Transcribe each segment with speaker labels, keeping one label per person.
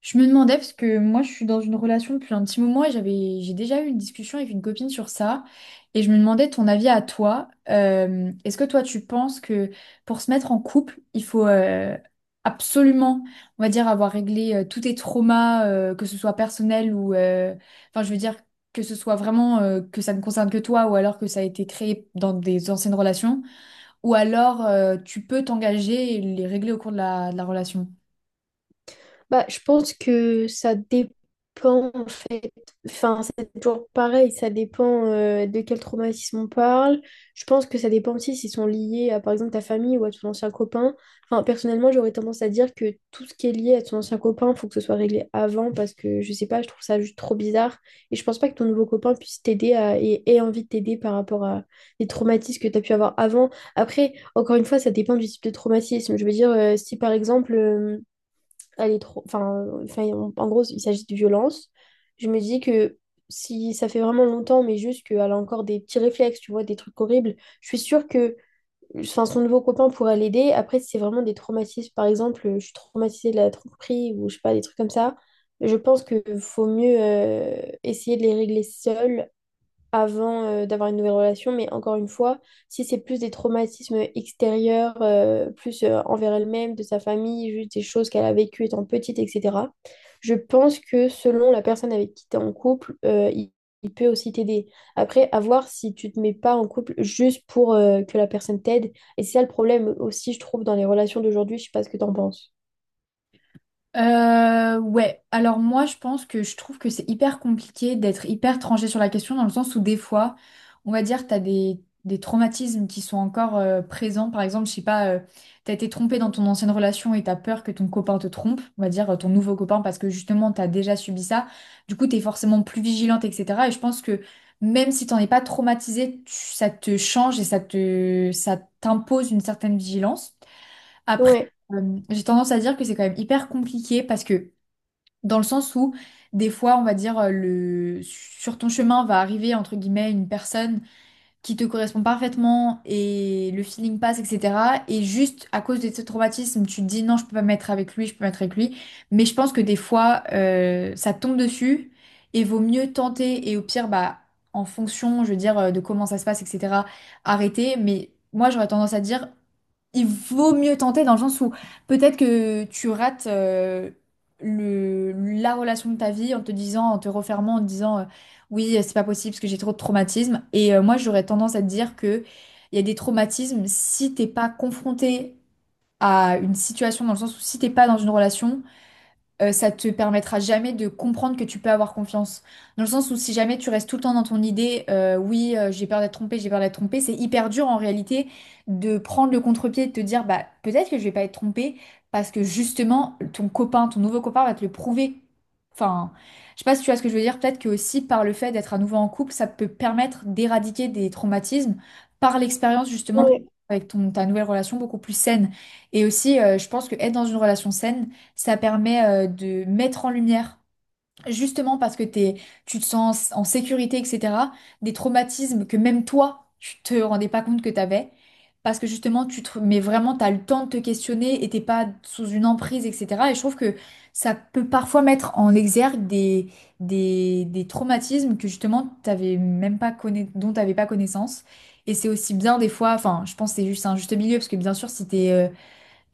Speaker 1: Je me demandais parce que moi je suis dans une relation depuis un petit moment et j'ai déjà eu une discussion avec une copine sur ça et je me demandais ton avis à toi. Est-ce que toi tu penses que pour se mettre en couple il faut absolument, on va dire, avoir réglé tous tes traumas, que ce soit personnel ou enfin je veux dire que ce soit vraiment, que ça ne concerne que toi, ou alors que ça a été créé dans des anciennes relations, ou alors tu peux t'engager et les régler au cours de la relation.
Speaker 2: Bah, je pense que ça dépend en fait. Enfin, c'est toujours pareil, ça dépend de quel traumatisme on parle. Je pense que ça dépend aussi s'ils sont liés à par exemple ta famille ou à ton ancien copain. Enfin, personnellement, j'aurais tendance à dire que tout ce qui est lié à ton ancien copain, faut que ce soit réglé avant parce que je sais pas, je trouve ça juste trop bizarre. Et je pense pas que ton nouveau copain puisse et ait envie de t'aider par rapport à les traumatismes que tu as pu avoir avant. Après, encore une fois, ça dépend du type de traumatisme. Je veux dire, si par exemple. Elle est trop. En gros, il s'agit de violence. Je me dis que si ça fait vraiment longtemps, mais juste qu'elle a encore des petits réflexes, tu vois, des trucs horribles, je suis sûre que enfin, son nouveau copain pourra l'aider. Après, si c'est vraiment des traumatismes, par exemple, je suis traumatisée de la tromperie ou je sais pas, des trucs comme ça. Je pense que faut mieux essayer de les régler seul avant d'avoir une nouvelle relation, mais encore une fois, si c'est plus des traumatismes extérieurs, plus envers elle-même, de sa famille, juste des choses qu'elle a vécues étant petite, etc., je pense que selon la personne avec qui tu es en couple, il peut aussi t'aider. Après, à voir si tu te mets pas en couple juste pour que la personne t'aide. Et c'est ça le problème aussi, je trouve, dans les relations d'aujourd'hui, je sais pas ce que tu en penses.
Speaker 1: Ouais, alors moi je pense que je trouve que c'est hyper compliqué d'être hyper tranché sur la question, dans le sens où des fois, on va dire, des traumatismes qui sont encore présents. Par exemple, je sais pas, t'as été trompé dans ton ancienne relation et t'as peur que ton copain te trompe, on va dire ton nouveau copain, parce que justement t'as déjà subi ça. Du coup, t'es forcément plus vigilante, etc. Et je pense que même si t'en es pas traumatisé, ça te change et ça t'impose une certaine vigilance. Après,
Speaker 2: Ouais,
Speaker 1: j'ai tendance à dire que c'est quand même hyper compliqué parce que, dans le sens où des fois, on va dire, sur ton chemin va arriver, entre guillemets, une personne qui te correspond parfaitement et le feeling passe, etc. Et juste à cause de ce traumatisme, tu te dis non, je peux pas me mettre avec lui, je peux me mettre avec lui. Mais je pense que des fois, ça tombe dessus et vaut mieux tenter, et au pire, bah, en fonction, je veux dire, de comment ça se passe, etc., arrêter. Mais moi, j'aurais tendance à dire il vaut mieux tenter, dans le sens où peut-être que tu rates le, la relation de ta vie en te disant, en te refermant, en te disant oui, c'est pas possible parce que j'ai trop de traumatismes. Et moi, j'aurais tendance à te dire que il y a des traumatismes, si t'es pas confronté à une situation, dans le sens où si t'es pas dans une relation, ça te permettra jamais de comprendre que tu peux avoir confiance. Dans le sens où si jamais tu restes tout le temps dans ton idée, oui, j'ai peur d'être trompé, j'ai peur d'être trompé, c'est hyper dur en réalité de prendre le contre-pied et de te dire, bah peut-être que je vais pas être trompé parce que justement ton nouveau copain va te le prouver. Enfin, je sais pas si tu vois ce que je veux dire. Peut-être que aussi par le fait d'être à nouveau en couple, ça peut permettre d'éradiquer des traumatismes par l'expérience, justement,
Speaker 2: ouais.
Speaker 1: avec ta nouvelle relation beaucoup plus saine. Et aussi, je pense que être dans une relation saine ça permet de mettre en lumière, justement parce que tu te sens en sécurité, etc., des traumatismes que même toi, tu te rendais pas compte que t'avais. Parce que justement, mais vraiment, t'as le temps de te questionner et t'es pas sous une emprise, etc. Et je trouve que ça peut parfois mettre en exergue des traumatismes que justement, t'avais même pas conna... dont t'avais pas connaissance. Et c'est aussi bien des fois, enfin, je pense que c'est juste un juste milieu, parce que bien sûr, si t'es,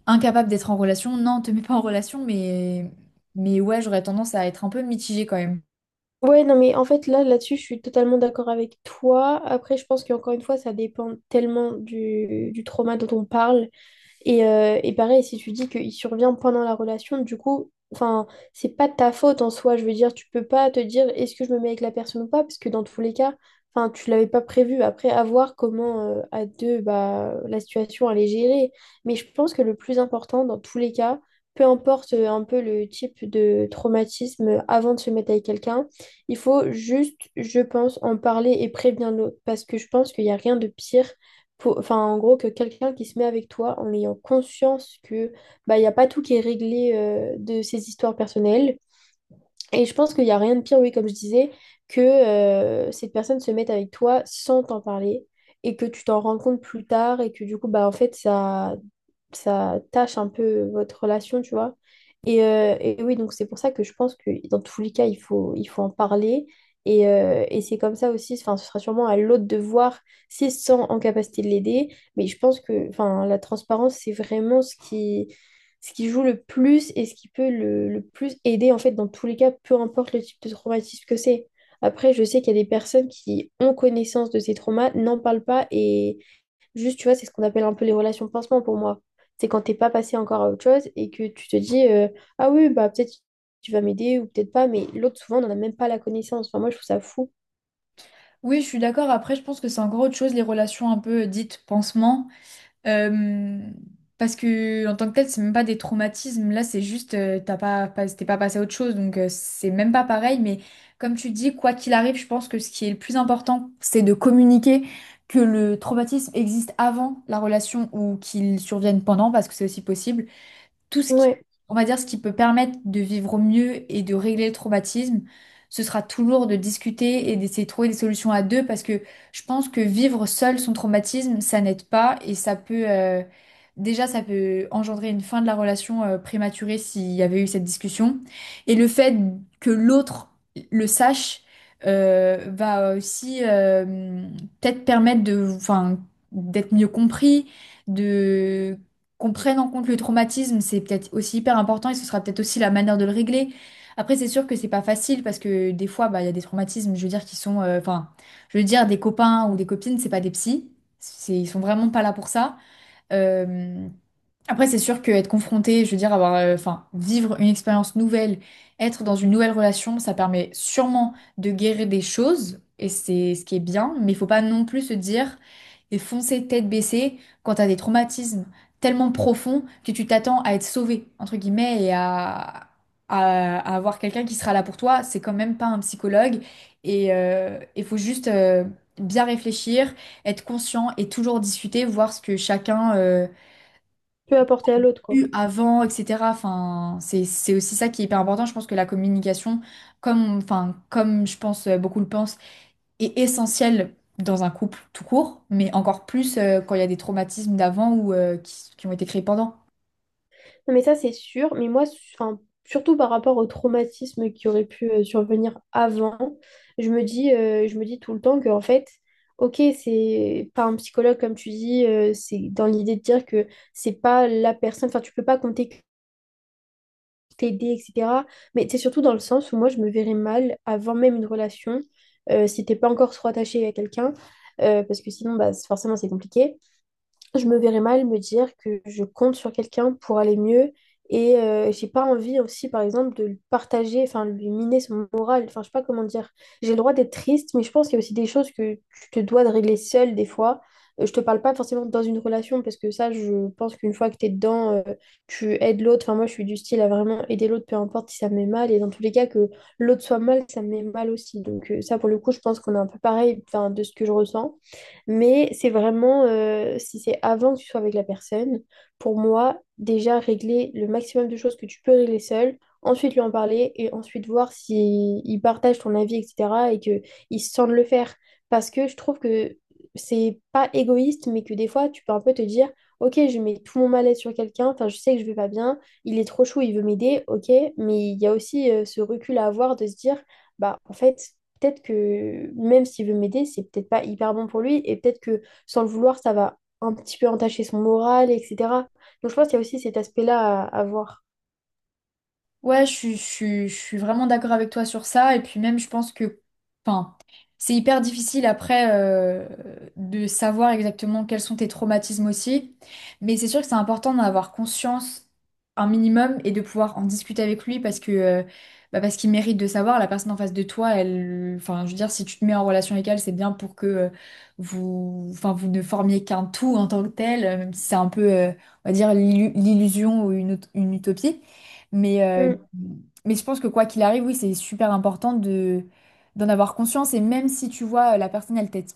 Speaker 1: incapable d'être en relation, non, te mets pas en relation, mais ouais, j'aurais tendance à être un peu mitigée quand même.
Speaker 2: Ouais, non, mais en fait, là-dessus, je suis totalement d'accord avec toi. Après, je pense qu'encore une fois, ça dépend tellement du trauma dont on parle et pareil, si tu dis qu'il survient pendant la relation, du coup, enfin, c'est pas de ta faute en soi. Je veux dire, tu peux pas te dire est-ce que je me mets avec la personne ou pas, parce que dans tous les cas, enfin, tu l'avais pas prévu. Après, à voir comment à deux, bah, la situation elle est gérée. Mais je pense que le plus important dans tous les cas, peu importe un peu le type de traumatisme avant de se mettre avec quelqu'un, il faut juste, je pense, en parler et prévenir l'autre, parce que je pense qu'il n'y a rien de pire enfin, en gros, que quelqu'un qui se met avec toi en ayant conscience que bah, il n'y a pas tout qui est réglé de ses histoires personnelles, et je pense qu'il n'y a rien de pire, oui, comme je disais, que cette personne se mette avec toi sans t'en parler et que tu t'en rends compte plus tard et que du coup, bah, en fait, ça tâche un peu votre relation, tu vois. Et oui, donc c'est pour ça que je pense que dans tous les cas, il faut en parler. Et c'est comme ça aussi, enfin, ce sera sûrement à l'autre de voir s'ils sont en capacité de l'aider. Mais je pense que enfin, la transparence, c'est vraiment ce qui joue le plus et ce qui peut le plus aider, en fait, dans tous les cas, peu importe le type de traumatisme que c'est. Après, je sais qu'il y a des personnes qui ont connaissance de ces traumas, n'en parlent pas et juste, tu vois, c'est ce qu'on appelle un peu les relations pansement pour moi. C'est quand t'es pas passé encore à autre chose et que tu te dis, ah oui, bah peut-être tu vas m'aider ou peut-être pas, mais l'autre, souvent, on n'en a même pas la connaissance. Enfin, moi, je trouve ça fou.
Speaker 1: Oui, je suis d'accord. Après, je pense que c'est encore autre chose, les relations un peu dites pansement. Euh, Parce que en tant que tel, c'est même pas des traumatismes. Là, c'est juste, t'es pas passé à autre chose, donc c'est même pas pareil. Mais comme tu dis, quoi qu'il arrive, je pense que ce qui est le plus important, c'est de communiquer que le traumatisme existe avant la relation ou qu'il survienne pendant, parce que c'est aussi possible. Tout ce qui,
Speaker 2: Ouais,
Speaker 1: on va dire, ce qui peut permettre de vivre au mieux et de régler le traumatisme, ce sera toujours de discuter et d'essayer de trouver des solutions à deux, parce que je pense que vivre seul son traumatisme, ça n'aide pas, et ça peut, déjà, ça peut engendrer une fin de la relation, prématurée, s'il y avait eu cette discussion. Et le fait que l'autre le sache, va aussi, peut-être permettre de, enfin, d'être mieux compris, de qu'on prenne en compte le traumatisme, c'est peut-être aussi hyper important et ce sera peut-être aussi la manière de le régler. Après, c'est sûr que c'est pas facile, parce que des fois, bah, il y a des traumatismes, je veux dire, qui sont, enfin, je veux dire, des copains ou des copines, c'est pas des psys, c'est, ils sont vraiment pas là pour ça. Euh, Après, c'est sûr qu'être confronté, je veux dire, avoir, enfin, vivre une expérience nouvelle, être dans une nouvelle relation, ça permet sûrement de guérir des choses, et c'est ce qui est bien, mais il faut pas non plus se dire et foncer tête baissée quand t'as des traumatismes tellement profonds que tu t'attends à être sauvé, entre guillemets, et à, à avoir quelqu'un qui sera là pour toi. C'est quand même pas un psychologue, et il faut juste bien réfléchir, être conscient et toujours discuter, voir ce que chacun
Speaker 2: peut apporter à l'autre, quoi.
Speaker 1: eu avant, etc. Enfin, c'est aussi ça qui est hyper important. Je pense que la communication, comme, enfin, comme je pense beaucoup le pensent, est essentielle dans un couple tout court, mais encore plus quand il y a des traumatismes d'avant ou qui ont été créés pendant.
Speaker 2: Non, mais ça, c'est sûr. Mais moi, enfin, surtout par rapport au traumatisme qui aurait pu survenir avant, je me dis tout le temps que, en fait, ok, c'est pas un psychologue, comme tu dis, c'est dans l'idée de dire que c'est pas la personne, enfin, tu peux pas compter que t'aider, etc. Mais c'est surtout dans le sens où moi, je me verrais mal avant même une relation, si t'es pas encore trop attaché à quelqu'un, parce que sinon, bah, forcément, c'est compliqué je me verrais mal me dire que je compte sur quelqu'un pour aller mieux et j'ai pas envie aussi par exemple de le partager, enfin lui miner son moral, enfin je sais pas comment dire. J'ai le droit d'être triste, mais je pense qu'il y a aussi des choses que tu te dois de régler seule des fois. Je te parle pas forcément dans une relation parce que ça je pense qu'une fois que t'es dedans, tu aides l'autre. Enfin moi je suis du style à vraiment aider l'autre peu importe si ça me met mal et dans tous les cas que l'autre soit mal, ça me met mal aussi. Donc ça pour le coup je pense qu'on est un peu pareil enfin, de ce que je ressens. Mais c'est vraiment, si c'est avant que tu sois avec la personne, pour moi, déjà régler le maximum de choses que tu peux régler seul, ensuite lui en parler et ensuite voir si il partage ton avis, etc. et qu'il se sent de le faire. Parce que je trouve que c'est pas égoïste, mais que des fois, tu peux un peu te dire, ok, je mets tout mon mal-être sur quelqu'un, enfin, je sais que je vais pas bien, il est trop chaud, il veut m'aider, ok, mais il y a aussi ce recul à avoir de se dire, bah, en fait, peut-être que même s'il veut m'aider, c'est peut-être pas hyper bon pour lui et peut-être que sans le vouloir, ça va un petit peu entacher son moral, etc. Donc je pense qu'il y a aussi cet aspect-là à voir.
Speaker 1: Ouais, je suis vraiment d'accord avec toi sur ça. Et puis même, je pense que, enfin, c'est hyper difficile après de savoir exactement quels sont tes traumatismes aussi. Mais c'est sûr que c'est important d'en avoir conscience un minimum et de pouvoir en discuter avec lui, parce que, bah, parce qu'il mérite de savoir. La personne en face de toi, elle, enfin, je veux dire, si tu te mets en relation avec elle, c'est bien pour que vous, enfin, vous ne formiez qu'un tout en tant que tel, même si c'est un peu, on va dire, l'illusion ou une utopie. Mais, euh,
Speaker 2: Mm.
Speaker 1: mais je pense que quoi qu'il arrive, oui, c'est super important de, d'en avoir conscience. Et même si tu vois, la personne, elle t'aide,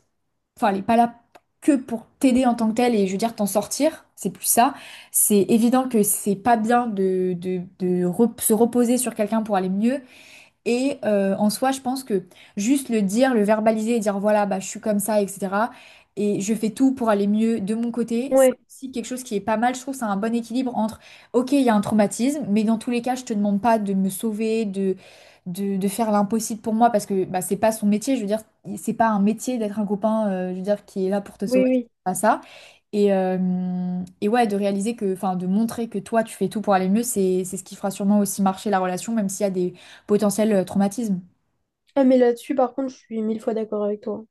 Speaker 1: enfin, elle n'est pas là que pour t'aider en tant que telle, et je veux dire t'en sortir, c'est plus ça. C'est évident que c'est pas bien de, se reposer sur quelqu'un pour aller mieux. Et en soi, je pense que juste le dire, le verbaliser et dire voilà, bah, je suis comme ça, etc. Et je fais tout pour aller mieux de mon côté. C'est
Speaker 2: Ouais,
Speaker 1: aussi quelque chose qui est pas mal. Je trouve que c'est un bon équilibre entre, ok, il y a un traumatisme, mais dans tous les cas, je te demande pas de me sauver, de, de faire l'impossible pour moi parce que bah, c'est pas son métier. Je veux dire, c'est pas un métier d'être un copain, je veux dire, qui est là pour te
Speaker 2: oui,
Speaker 1: sauver.
Speaker 2: oui.
Speaker 1: C'est pas ça. Et, euh, et ouais, de réaliser que, enfin, de montrer que toi, tu fais tout pour aller mieux, c'est ce qui fera sûrement aussi marcher la relation, même s'il y a des potentiels traumatismes.
Speaker 2: Ah, mais là-dessus, par contre, je suis mille fois d'accord avec toi.